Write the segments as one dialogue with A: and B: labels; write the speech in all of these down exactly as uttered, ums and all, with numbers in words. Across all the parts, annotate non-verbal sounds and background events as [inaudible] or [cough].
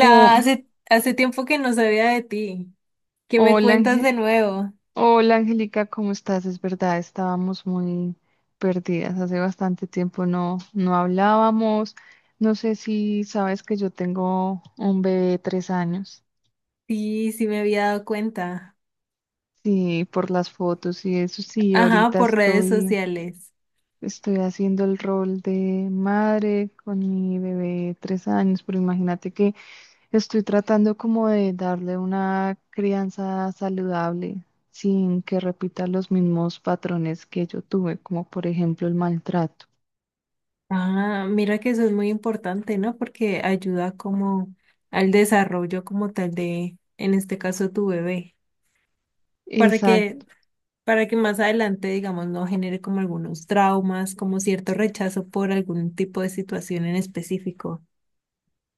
A: Oh,
B: hace, hace tiempo que no sabía de ti. ¿Qué me
A: hola,
B: cuentas
A: Ange-
B: de nuevo?
A: hola Angélica, ¿cómo estás? Es verdad, estábamos muy perdidas. Hace bastante tiempo no, no hablábamos. No sé si sabes que yo tengo un bebé de tres años.
B: Sí, sí me había dado cuenta.
A: Sí, por las fotos y eso. Sí,
B: Ajá,
A: ahorita
B: por redes
A: estoy
B: sociales.
A: Estoy haciendo el rol de madre con mi bebé de tres años, pero imagínate que estoy tratando como de darle una crianza saludable sin que repita los mismos patrones que yo tuve, como por ejemplo el maltrato.
B: Ah, mira que eso es muy importante, ¿no? Porque ayuda como al desarrollo como tal de, en este caso, tu bebé, para que,
A: Exacto,
B: para que más adelante, digamos, no genere como algunos traumas, como cierto rechazo por algún tipo de situación en específico.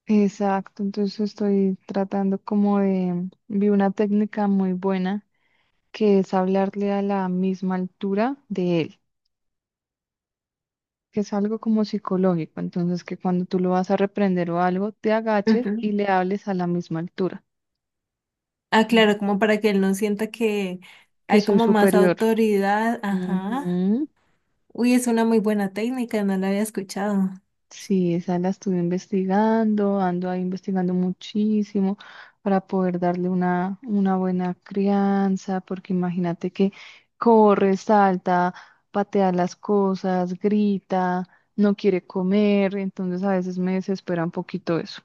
A: exacto. Entonces estoy tratando como de, vi una técnica muy buena que es hablarle a la misma altura de él, que es algo como psicológico, entonces que cuando tú lo vas a reprender o algo, te agaches y le hables a la misma altura.
B: Ah,
A: Mm,
B: claro, como para que él no sienta que
A: que
B: hay
A: soy
B: como más
A: superior.
B: autoridad. Ajá.
A: Ujú.
B: Uy, es una muy buena técnica, no la había escuchado.
A: Sí, esa la estuve investigando, ando ahí investigando muchísimo para poder darle una, una buena crianza, porque imagínate que corre, salta, patea las cosas, grita, no quiere comer, entonces a veces me desespera un poquito eso.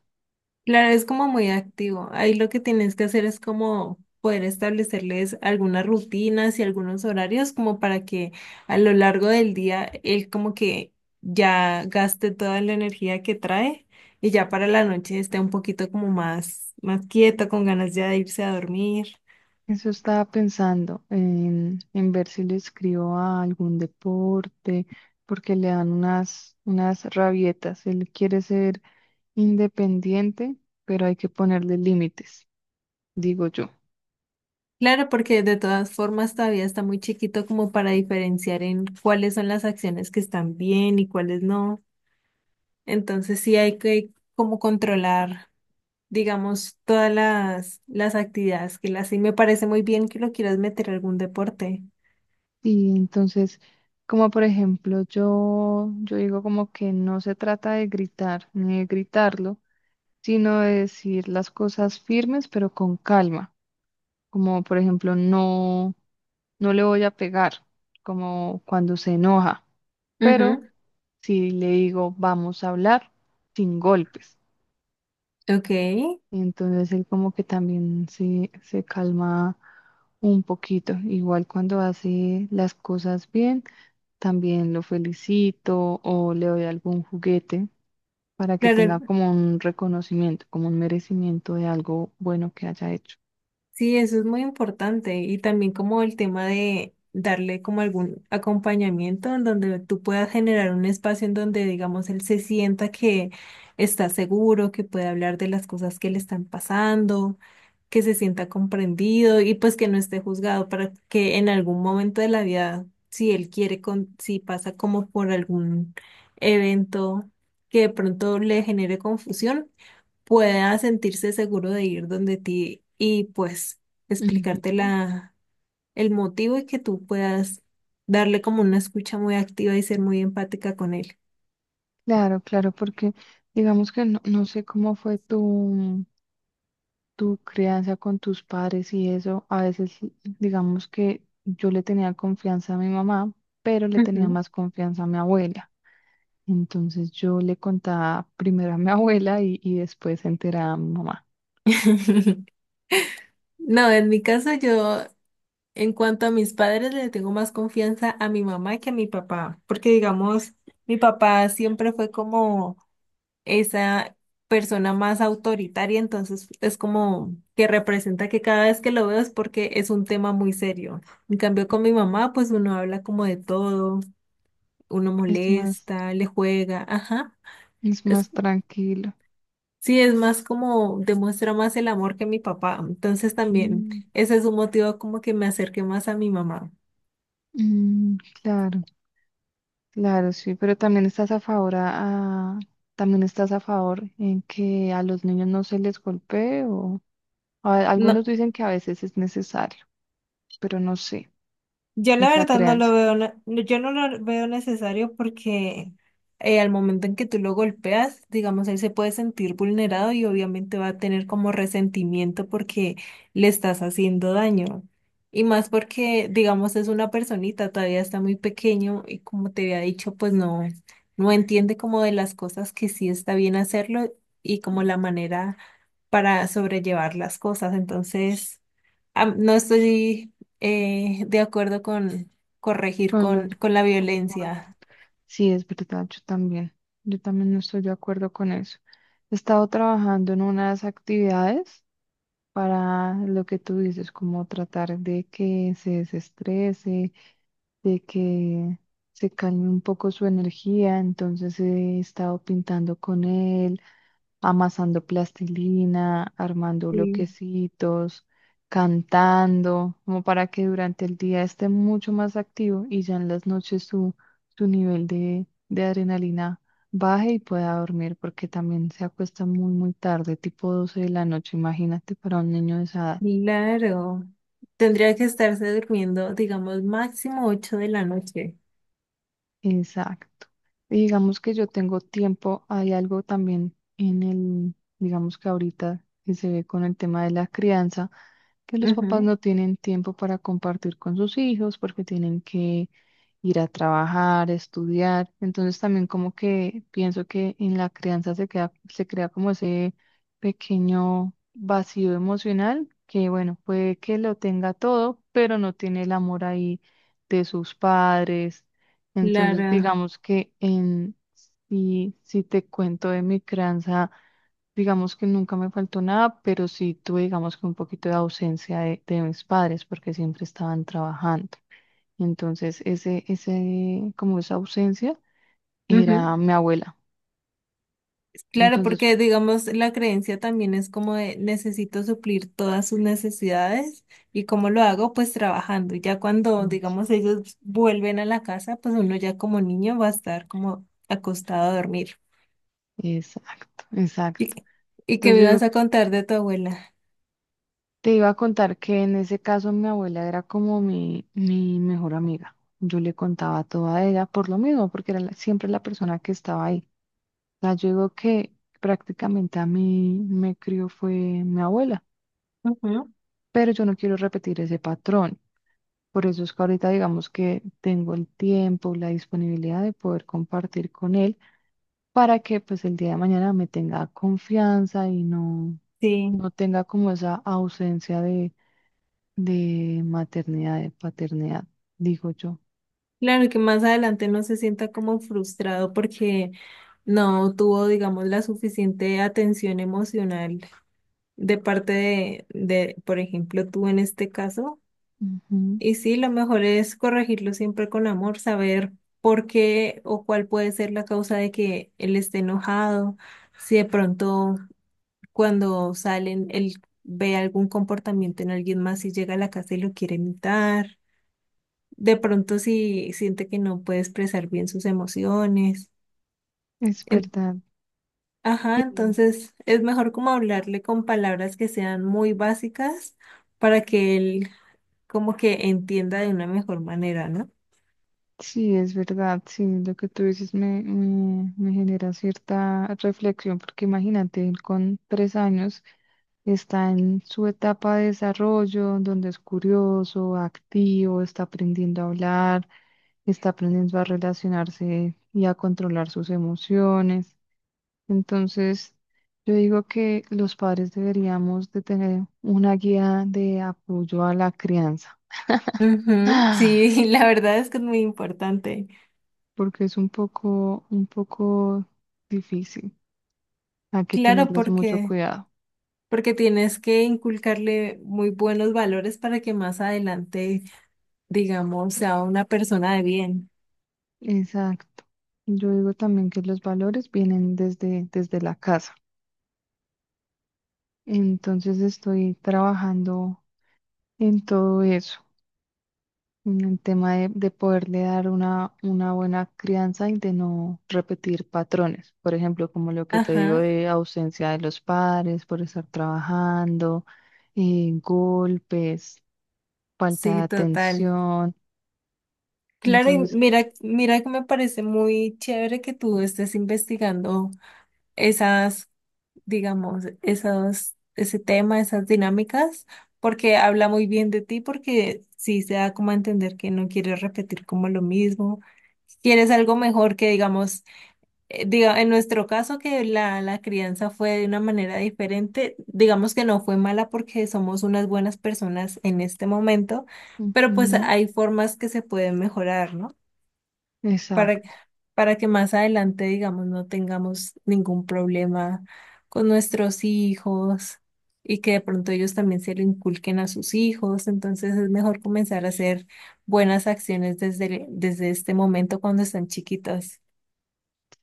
B: Claro, es como muy activo. Ahí lo que tienes que hacer es como poder establecerles algunas rutinas y algunos horarios como para que a lo largo del día él como que ya gaste toda la energía que trae y ya para la noche esté un poquito como más, más quieto, con ganas ya de irse a dormir.
A: Eso estaba pensando en, en ver si le escribo a algún deporte, porque le dan unas, unas rabietas. Él quiere ser independiente, pero hay que ponerle límites, digo yo.
B: Claro, porque de todas formas todavía está muy chiquito como para diferenciar en cuáles son las acciones que están bien y cuáles no. Entonces sí hay que como controlar, digamos, todas las, las actividades que las sí me parece muy bien que lo quieras meter a algún deporte.
A: Y entonces, como por ejemplo, yo, yo digo como que no se trata de gritar ni de gritarlo, sino de decir las cosas firmes, pero con calma. Como por ejemplo, no, no le voy a pegar, como cuando se enoja. Pero
B: Ujú.
A: si le digo, vamos a hablar sin golpes,
B: Ok.
A: entonces él como que también se, se calma un poquito. Igual cuando hace las cosas bien, también lo felicito o le doy algún juguete para que tenga
B: Claro.
A: como un reconocimiento, como un merecimiento de algo bueno que haya hecho.
B: Sí, eso es muy importante y también como el tema de darle como algún acompañamiento en donde tú puedas generar un espacio en donde, digamos, él se sienta que está seguro, que puede hablar de las cosas que le están pasando, que se sienta comprendido y pues que no esté juzgado para que en algún momento de la vida, si él quiere, con, si pasa como por algún evento que de pronto le genere confusión pueda sentirse seguro de ir donde ti y pues explicarte
A: Ujú.
B: la, el motivo y que tú puedas darle como una escucha muy activa y ser muy empática con él.
A: Claro, claro, porque digamos que no, no sé cómo fue tu, tu crianza con tus padres y eso, a veces digamos que yo le tenía confianza a mi mamá, pero le tenía
B: Ujú.
A: más confianza a mi abuela. Entonces yo le contaba primero a mi [laughs] abuela y, y después se enteraba a mi mamá.
B: [laughs] No, en mi caso yo, en cuanto a mis padres, le tengo más confianza a mi mamá que a mi papá, porque digamos, mi papá siempre fue como esa persona más autoritaria, entonces es como que representa que cada vez que lo veo es porque es un tema muy serio. En cambio, con mi mamá, pues uno habla como de todo, uno
A: Es más,
B: molesta, le juega, ajá.
A: es
B: Es,
A: más tranquilo.
B: sí, es más como demuestra más el amor que mi papá. Entonces también
A: Mm,
B: ese es un motivo como que me acerqué más a mi mamá.
A: mm, claro, claro, sí, pero también estás a favor a, a- también estás a favor en que a los niños no se les golpee o a- algunos
B: No,
A: dicen que a veces es necesario, pero no sé
B: yo la
A: esa
B: verdad no lo
A: crianza.
B: veo, ne- yo no lo veo necesario porque eh, al momento en que tú lo golpeas, digamos, él se puede sentir vulnerado y obviamente va a tener como resentimiento porque le estás haciendo daño. Y más porque, digamos, es una personita, todavía está muy pequeño y como te había dicho, pues no, no entiende como de las cosas que sí está bien hacerlo y como la manera para sobrellevar las cosas. Entonces, am- no estoy eh, de acuerdo con corregir
A: Con
B: con,
A: los,
B: con la
A: con- con-
B: violencia.
A: sí, es verdad, yo también. Yo también no estoy de acuerdo con eso. He estado trabajando en unas actividades para lo que tú dices, como tratar de que se desestrese, de que se calme un poco su energía, entonces he estado pintando con él, amasando plastilina, armando
B: Sí,
A: bloquecitos, cantando, como para que durante el día esté mucho más activo y ya en las noches su, su nivel de, de adrenalina baje y pueda dormir, porque también se acuesta muy, muy tarde, tipo doce de la noche, imagínate para un niño de esa edad.
B: claro. Tendría que estarse durmiendo, digamos, máximo ocho de la noche.
A: Exacto. Y digamos que yo tengo tiempo, hay algo también en el, digamos que ahorita que se ve con el tema de la crianza, que los papás
B: Ujú.
A: no tienen tiempo para compartir con sus hijos porque tienen que ir a trabajar, estudiar. Entonces también como que pienso que en la crianza se queda, se crea como ese pequeño vacío emocional que bueno, puede que lo tenga todo, pero no tiene el amor ahí de sus padres, entonces,
B: Claro.
A: digamos que en, si, si te cuento de mi crianza, digamos que nunca me faltó nada, pero sí tuve, digamos que un poquito de ausencia de, de mis padres porque siempre estaban trabajando. Entonces, ese, ese, como esa ausencia era
B: Ujú.
A: mi abuela.
B: Claro,
A: Entonces,
B: porque digamos la creencia también es como de necesito suplir todas sus necesidades y cómo lo hago, pues trabajando. Y ya cuando
A: mm,
B: digamos ellos vuelven a la casa, pues uno ya como niño va a estar como acostado a dormir.
A: exacto,
B: ¿Y,
A: exacto.
B: y qué
A: Entonces,
B: me
A: yo digo,
B: ibas a contar de tu abuela?
A: te iba a contar que en ese caso mi abuela era como mi, mi mejor amiga. Yo le contaba todo a ella por lo mismo, porque era la- siempre la persona que estaba ahí. O sea, yo digo que prácticamente a mí me crió fue mi abuela,
B: Ujú.
A: pero yo no quiero repetir ese patrón. Por eso es que ahorita digamos que tengo el tiempo, la disponibilidad de poder compartir con él para que pues el día de mañana me tenga confianza y no,
B: Sí,
A: no tenga como esa ausencia de, de maternidad, de paternidad, digo yo.
B: claro que más adelante no se sienta como frustrado porque no tuvo digamos la suficiente atención emocional de parte de, de, por ejemplo, tú en este caso.
A: Ujú,
B: Y sí, lo mejor es corregirlo siempre con amor, saber por qué o cuál puede ser la causa de que él esté enojado, si de pronto cuando salen él ve algún comportamiento en alguien más y llega a la casa y lo quiere imitar, de pronto si siente que no puede expresar bien sus emociones.
A: es
B: En-
A: verdad.
B: ajá,
A: Sí,
B: entonces es mejor como hablarle con palabras que sean muy básicas para que él como que entienda de una mejor manera, ¿no?
A: sí, es verdad. Sí, lo que tú dices me, me, me genera cierta reflexión, porque imagínate, él con tres años. Está en su etapa de desarrollo, donde es curioso, activo, está aprendiendo a hablar, está aprendiendo a relacionarse y a controlar sus emociones. Entonces, yo digo que los padres deberíamos de tener una guía de apoyo a la crianza,
B: Ujú.
A: ah,
B: Sí, [laughs] la verdad es que es muy importante.
A: porque es un poco, un poco difícil. Hay que
B: Claro,
A: tenerles mucho
B: porque,
A: cuidado.
B: porque tienes que inculcarle muy buenos valores para que más adelante, digamos, sea una persona de bien.
A: Exacto. Yo digo también que los valores vienen desde, desde la casa. Entonces estoy trabajando en todo eso, en el tema de, de poderle dar una, una buena crianza y de no repetir patrones. Por ejemplo, como lo que te digo
B: Ajá,
A: de ausencia de los padres por estar trabajando, eh, golpes, falta de
B: sí, total.
A: atención.
B: Claro, y
A: Entonces, que-
B: mira, mira que me parece muy chévere que tú estés investigando esas digamos, esos, ese tema, esas dinámicas, porque habla muy bien de ti, porque sí se da como a entender que no quieres repetir como lo mismo, quieres algo mejor que, digamos, eh, diga, en nuestro caso que la, la crianza fue de una manera diferente, digamos que no fue mala porque somos unas buenas personas en este momento, pero pues
A: ujú,
B: hay formas que se pueden mejorar, ¿no? para,
A: exacto.
B: para que más adelante, digamos, no tengamos ningún problema con nuestros hijos y que de pronto ellos también se lo inculquen a sus hijos. Entonces es mejor comenzar a hacer buenas acciones desde, desde este momento cuando están chiquitas.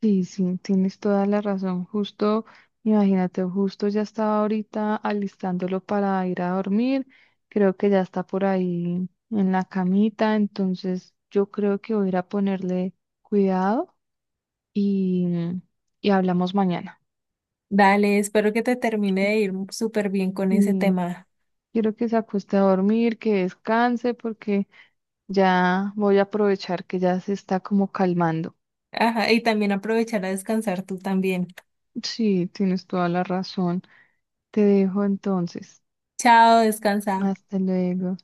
A: Sí, sí, tienes toda la razón. Justo, imagínate, justo ya estaba ahorita alistándolo para ir a dormir. Creo que ya está por ahí en la camita, entonces yo creo que voy a ir a ponerle cuidado y, y hablamos mañana.
B: Dale, espero que te termine
A: Porque
B: de ir súper bien con ese
A: mm,
B: tema.
A: quiero que se acueste a dormir, que descanse, porque ya voy a aprovechar que ya se está como calmando.
B: Ajá, y también aprovechar a descansar tú también.
A: Sí, tienes toda la razón. Te dejo entonces.
B: Chao, descansa.
A: Hasta luego.